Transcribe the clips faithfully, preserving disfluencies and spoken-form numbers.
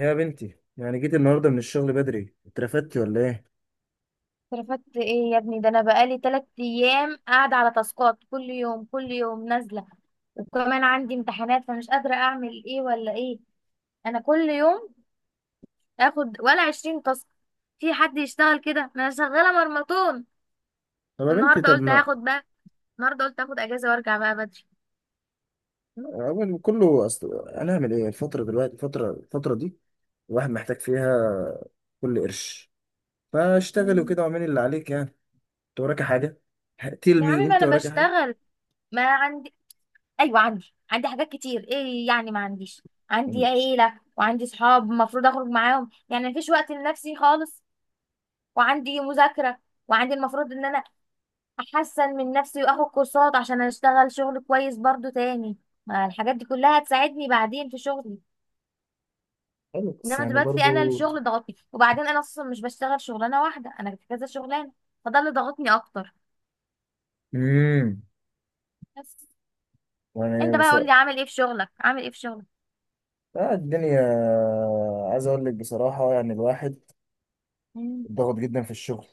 يا بنتي، يعني جيت النهارده من الشغل بدري، اترفدتي ولا ايه؟ رفدت ايه يا ابني؟ ده انا بقالي تلات ايام قاعده على تاسكات، كل يوم كل يوم نازله، وكمان عندي امتحانات فمش قادره اعمل ايه ولا ايه. انا كل يوم اخد ولا عشرين تاسك. في حد يشتغل كده؟ ما انا شغاله مرمطون. طب يا بنتي، والنهارده طب قلت ما هاخد بقى، النهارده قلت اخد اجازه وارجع بقى بدري. اول كله، اصل هنعمل ايه الفتره دلوقتي؟ الفتره الفتره دي الواحد محتاج فيها كل قرش، فاشتغلي مم. وكده واعملي اللي عليك يعني. انت وراكي حاجه؟ تيل يا عمي مي، ما انت انا وراكي حاجه؟ بشتغل، ما عندي. ايوه عندي عندي حاجات كتير، ايه يعني ما عنديش؟ عندي يعني عيله وعندي صحاب المفروض اخرج معاهم، يعني مفيش وقت لنفسي خالص. وعندي مذاكرة، وعندي المفروض ان انا احسن من نفسي واخد كورسات عشان اشتغل شغل كويس برضو تاني، ما الحاجات دي كلها هتساعدني بعدين في شغلي. حلو بس انما يعني دلوقتي انا برضو. الشغل ضغطني، وبعدين انا اصلا مش بشتغل شغلانة واحدة، انا في كذا شغلانة، فده اللي ضغطني اكتر. امم بس انت يعني بقى بس، قول لي عامل ايه في شغلك، عامل ايه في شغلك؟ آه الدنيا. عايز اقول لك بصراحه، يعني الواحد مم. ضغط جدا في الشغل،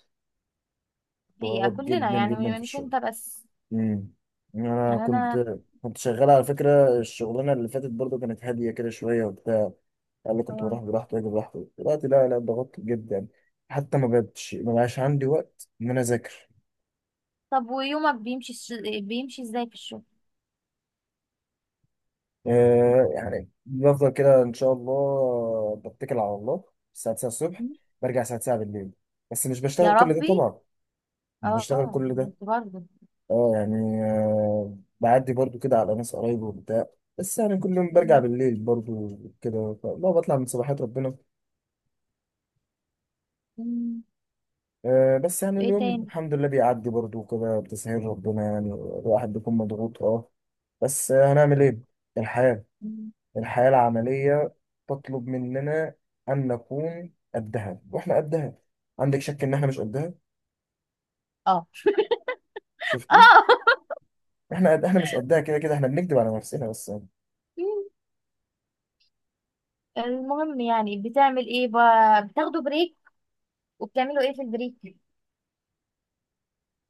هي ضغط كلنا جدا يعني، جدا في م- مش الشغل. انت بس. امم انا يعني كنت، انا. كنت شغال على فكره. الشغلانه اللي فاتت برضو كانت هاديه كده شويه وبتاع، قال لي كنت آه. بروح براحتي واجي براحتي. دلوقتي لا لا، ضغطت جدا يعني. حتى ما بقتش، ما بقاش عندي وقت ان انا اذاكر. طب ويومك بيمشي الش- بيمشي ازاي في الشغل؟ آه يعني بفضل كده ان شاء الله، بتكل على الله. الساعه تسعة الصبح، مم. برجع الساعه تسعة بالليل، بس مش يا بشتغل كل ده ربي. طبعا، مش اه، بشتغل آه، كل ده. برضه، برضه. اه يعني آه، بعدي برضو كده على ناس قرايبي وبتاع، بس يعني كل يوم برجع بالليل برضو كده، لا بطلع من صباحات ربنا. مم. آه، بس يعني وايه اليوم تاني؟ الحمد لله بيعدي برضو كده بتسهيل ربنا، يعني الواحد بيكون مضغوط اه. بس آه، هنعمل ايه؟ الحياة، مم. الحياة العملية تطلب مننا أن نكون قدها، واحنا قدها. عندك شك إن احنا مش قدها؟ اه شفتي، اه. احنا قد، احنا مش قدها، كده كده احنا بنكذب على نفسنا بس. مم. المهم يعني بتعمل ايه بقى، بتاخدوا بريك وبتعملوا ايه في البريك؟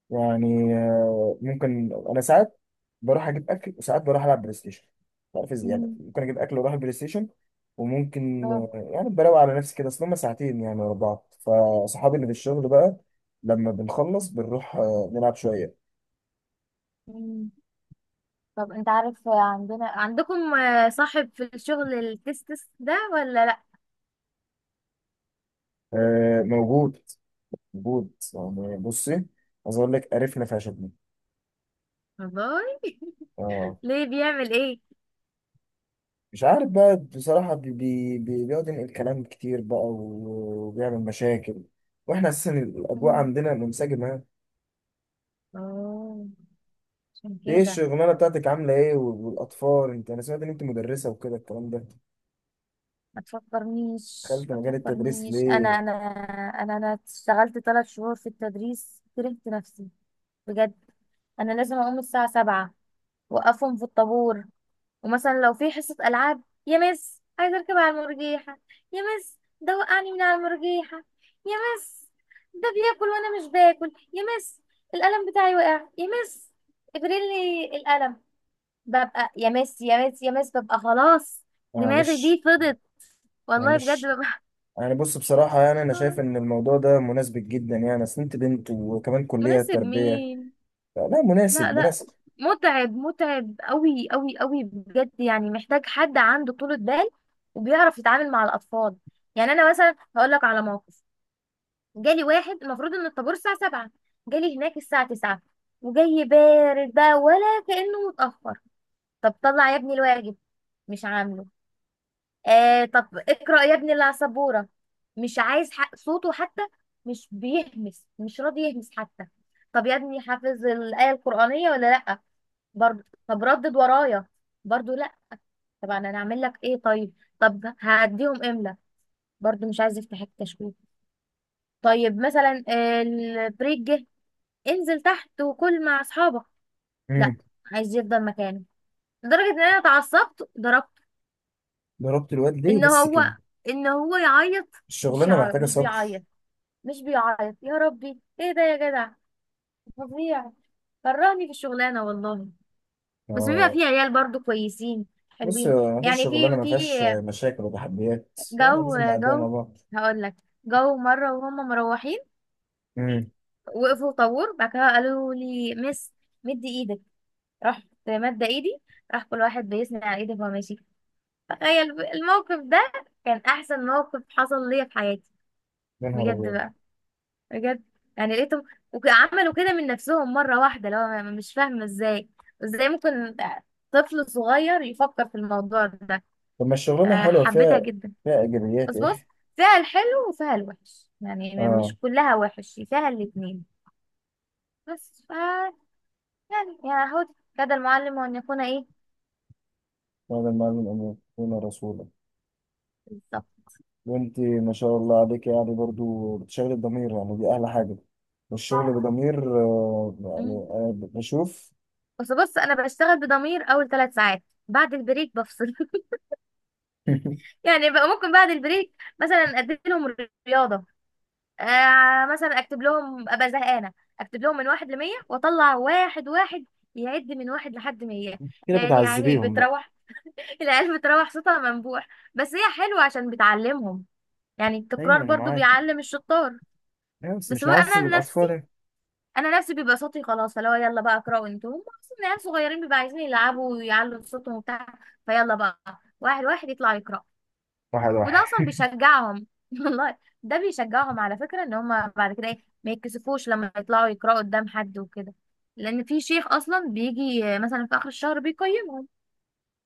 يعني آه، ممكن انا ساعات بروح اجيب اكل، وساعات بروح العب بلاي ستيشن. مش عارف ازاي، يعني مم. ممكن اجيب اكل واروح البلاي ستيشن. وممكن اه. آه، يعني بروق على نفسي كده، اصل هما ساعتين يعني ورا بعض. فصحابي اللي في الشغل بقى لما بنخلص بنروح آه، نلعب شويه. مم. طب انت عارف عندنا عندكم آه، صاحب في الشغل التستس ده ولا لا؟ آه، موجود، موجود. يعني بصي، عايز اقول لك قرفنا فشخنا. والله. اه، ليه بيعمل ايه؟ مش عارف بقى بصراحه، بي بي بي- بيقعد ينقل كلام كتير بقى، و- وبيعمل مشاكل، واحنا اساسا الاجواء مم. عندنا منسجمه. اه. عشان ايه كده. الشغلانه بتاعتك؟ عامله ايه وال- والاطفال؟ انت، انا سمعت ان انت مدرسه وكده الكلام ده. ما تفكرنيش دخلت ما مجال التدريس تفكرنيش، انا ليه؟ انا انا انا اشتغلت ثلاث شهور في التدريس، كرهت نفسي، بجد. انا لازم اقوم الساعة سبعة، وقفهم في الطابور، ومثلا لو في حصة ألعاب: يا مس عايزة أركب على المرجيحة، يا مس ده وقعني من على المرجيحة، يا مس ده بياكل وأنا مش باكل يا مس، القلم بتاعي وقع يا مس، ابريلي القلم. ببقى يا مس يا مس يا مس ببقى خلاص، دماغي معلش، دي فضت والله بجد معلش. ببقى. يعني بص بصراحه، يعني انا شايف ان الموضوع ده مناسب جدا، يعني اصل انت بنت وكمان كليه مناسب تربيه. مين؟ لا لا مناسب، لا، مناسب. متعب متعب قوي قوي قوي بجد، يعني محتاج حد عنده طولة بال وبيعرف يتعامل مع الأطفال. يعني أنا مثلا هقول لك على موقف: جالي واحد المفروض إن الطابور الساعة سبعة، جالي هناك الساعة تسعة وجاي بارد بقى، ولا كأنه متأخر. طب طلع يا ابني الواجب، مش عامله. آه طب اقرأ يا ابني اللي على السبورة، مش عايز حق صوته حتى، مش بيهمس، مش راضي يهمس حتى. طب يا ابني حافظ الآية القرآنية ولا لأ؟ برضه. طب ردد ورايا، برضه لا. طب انا هعمل لك ايه طيب؟ طب هعديهم املا، برضه مش عايز يفتح التشويه. طيب مثلا البريك جه، انزل تحت وكل مع اصحابك، لا امم. عايز يفضل مكانه. لدرجه ان انا اتعصبت ضربته. ضربت الواد ليه ان بس هو كده؟ ان هو يعيط، مش الشغلانه يعيط محتاجه مش صبر. بيعيط مش بيعيط يا ربي ايه ده يا جدع، فظيع، كرهني في الشغلانه والله. بس بيبقى اه. في عيال برضه كويسين بص، حلوين مفيش يعني، شغلانه في ما في فيهاش مشاكل وتحديات، يعني جو. لازم نعديها مع جو بعض. هقول لك، جو مرة وهم مروحين امم. وقفوا طابور، بعد كده قالوا لي مس مدي ايدك، رحت مادة ايدي، راح كل واحد بيسند على ايدي وهو ماشي. تخيل ب- الموقف ده، كان احسن موقف حصل ليا في حياتي، يا نهار بجد ابيض. بقى، بجد. يعني لقيتهم وعملوا كده من نفسهم مرة واحدة، لو أنا مش فاهمة ازاي، ازاي ممكن طفل صغير يفكر في الموضوع ده؟ طب ما الشغلانه آه، حلوه، حبيتها فيها، جدا. فيها ايجابيات بس بص، ايه؟ فيها الحلو وفيها الوحش، يعني م- اه. مش كلها وحش، فيها الاتنين. بس ف، يعني يا هود كاد المعلم وأن يكون إيه. وهذا المعلم أمين دون رسولا. بالظبط. وأنت ما شاء الله عليك، يعني برضو بتشغل الضمير، يعني دي أحلى حاجة. والشغل بضمير، آه، مم. يعني أنا بشوف. بس بص، أنا بشتغل بضمير أول ثلاث ساعات، بعد البريك بفصل. يعني بقى ممكن بعد البريك مثلا أدي لهم رياضة، آه مثلا أكتب لهم أبقى زهقانة، أكتب لهم من واحد لمية وأطلع واحد واحد يعد من واحد لحد مية. كده لأن يعني بتعذبيهم بقى؟ بتروح، العيال بتروح صوتها منبوح، بس هي حلوة عشان بتعلمهم، يعني التكرار أيوة أنا برضو معاك، بيعلم الشطار. أيوة بس بس مش بقى نعذب انا الأطفال نفسي يعني. انا نفسي بيبقى صوتي خلاص، فلو يلا بقى اقرأوا انتوا، هم اصلا عيال صغيرين بيبقى عايزين يلعبوا ويعلوا صوتهم وبتاع، فيلا بقى واحد واحد يطلع يقرأ، واحد وده واحد. اصلا بيشجعهم والله. ده بيشجعهم على فكرة ان هم بعد كده ايه ما يتكسفوش لما يطلعوا يقرأوا قدام حد وكده، لان في شيخ اصلا بيجي مثلا في اخر الشهر بيقيمهم.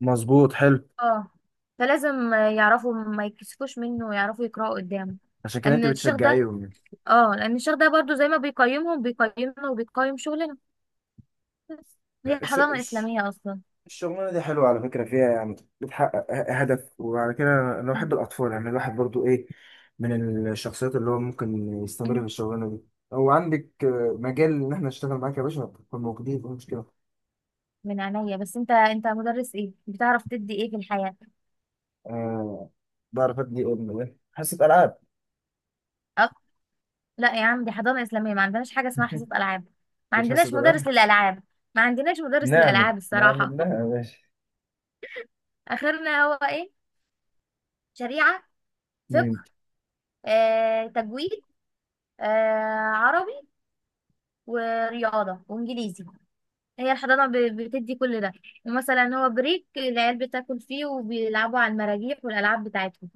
مظبوط، حلو. اه، فلازم يعرفوا ما يتكسفوش منه ويعرفوا يقرأوا قدامه، عشان كده ان أنت الشيخ ده، بتشجعيهم يعني. اه لان الشيخ ده برضو زي ما بيقيمهم بيقيمنا وبيقيم شغلنا، بس هي ش- حضانة ش... إسلامية أصلا. الشغلانة دي حلوة على فكرة، فيها يعني بتحقق ه- هدف، وعلى كده أنا مم. بحب الأطفال. يعني الواحد برضو إيه، من الشخصيات اللي هو ممكن يستمر في مم. الشغلانة دي. أو عندك آه، مجال إن إحنا نشتغل معاك يا باشا، نكون موجودين مفيش مشكلة. من عينيا، بس انت انت مدرس ايه، بتعرف تدي ايه في الحياة؟ آه، بعرف أدي أم إيه، حصة ألعاب. أك... لا يا عم، دي حضانة إسلامية، ما عندناش حاجة اسمها حصة ألعاب، ما مش حاسس عندناش بالأمل. مدرس للألعاب، ما عندناش مدرس نعمل، للألعاب الصراحة. نعمل لها يا باشا. آخرنا هو ايه؟ شريعة، فقه، مم. آه، تجويد، آه، عربي، ورياضة وإنجليزي. هي الحضانة ب- بتدي كل ده، ومثلا هو بريك العيال بتاكل فيه وبيلعبوا على المراجيح والألعاب بتاعتهم،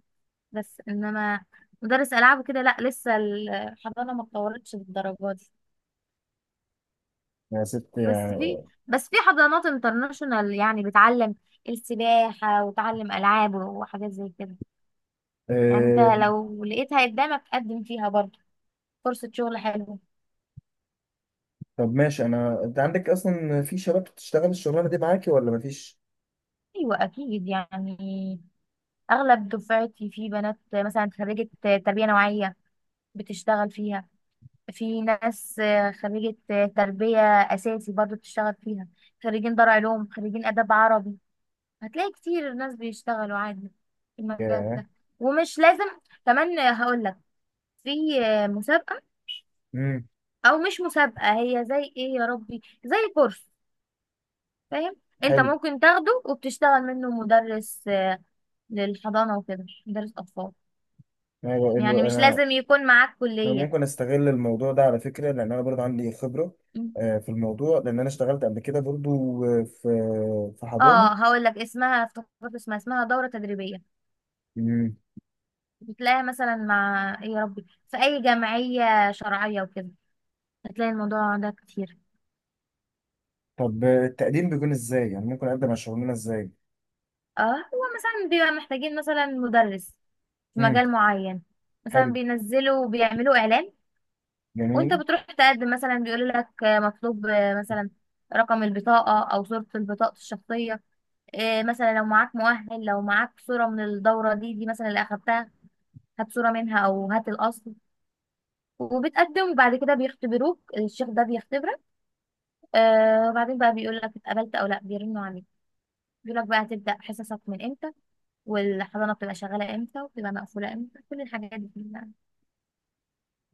بس إنما مدرس ألعاب وكده لأ، لسه الحضانة ما اتطورتش للدرجة دي. يا ست بس في يعني. بس في حضانات انترناشونال يعني بتعلم السباحة وتعلم ألعاب وحاجات زي كده. يعني انت آه، لو لقيتها قدامك قدم فيها برضه، فرصة شغل حلوة. طب ماشي. أنا أنت عندك أصلا في شباب بتشتغل الشغلانة دي معاكي ولا مفيش؟ أيوة أكيد يعني، أغلب دفعتي في بنات مثلا خريجة تربية نوعية بتشتغل فيها، في ناس آه، خريجة آه، تربية أساسي برضو بتشتغل فيها، خريجين دار علوم، خريجين آداب عربي، هتلاقي كتير ناس بيشتغلوا عادي في المجال ياه. ده. ومش لازم كمان، آه، هقول لك، في آه، مسابقة، مم. أو مش مسابقة، هي زي إيه يا ربي، زي كورس، فاهم؟ أنت حلو. ممكن تاخده وبتشتغل منه مدرس آه، للحضانة وكده، مدرس أطفال، انا بقول يعني له، مش انا لازم يكون معاك انا كلية. ممكن استغل الموضوع ده على فكره، لان انا برضه عندي خبره م. آه، في الموضوع، لان انا اشتغلت قبل كده برضه آه، في في حضانه. اه هقول لك اسمها، افتكرت اسمها، اسمها دورة تدريبية، مم. بتلاقيها مثلا مع ايه يا ربي في اي جمعية شرعية وكده، هتلاقي الموضوع ده كتير. طب آه، التقديم بيكون ازاي؟ يعني ممكن اقدم على الشغلانه ازاي؟ اه هو مثلا بيبقى محتاجين مثلا مدرس في امم. مجال معين، مثلا حلو، بينزلوا وبيعملوا اعلان، وانت جميل. بتروح تقدم، مثلا بيقول لك آه، مطلوب آه، مثلا رقم البطاقة او صورة البطاقة الشخصية، آه، مثلا لو معاك مؤهل، لو معاك صورة من الدورة دي دي مثلا اللي اخدتها، هات صورة منها او هات الاصل، وبتقدم وبعد كده بيختبروك، الشيخ ده بيختبرك. آه وبعدين بقى بيقول لك اتقبلت او لا، بيرنوا عليك، بيقول لك بقى هتبدا حصصك من امتى، والحضانه بتبقى شغاله امتى وبتبقى مقفوله امتى، كل الحاجات دي بقى.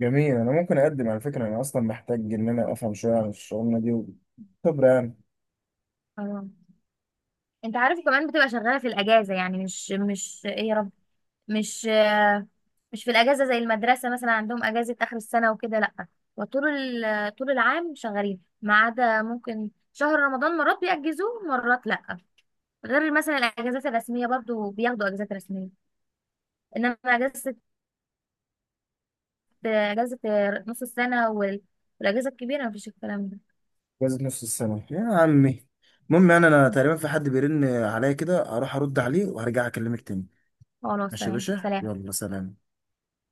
جميل، انا ممكن اقدم على فكره. انا اصلا محتاج ان انا افهم شويه عن الشغلانه دي، خبره يعني. اه انت عارف كمان بتبقى شغاله في الاجازه، يعني مش مش ايه يا رب، مش آه مش في الاجازه زي المدرسه، مثلا عندهم اجازه اخر السنه وكده، لا. وطول ال- طول العام شغالين ما عدا ممكن شهر رمضان، مرات بيأجزوه مرات لا، غير مثلا الاجازات الرسميه برضو بياخدوا اجازات رسميه. انما اجازه، ده اجازه نص السنه وال- والاجازه الكبيره مفيش الكلام ده. جوازة نص السنه يا عمي. المهم يعني انا تقريبا في حد بيرن عليا كده، هروح ارد عليه وهرجع اكلمك تاني. خلاص ماشي يا تمام باشا، سلام. يلا سلام.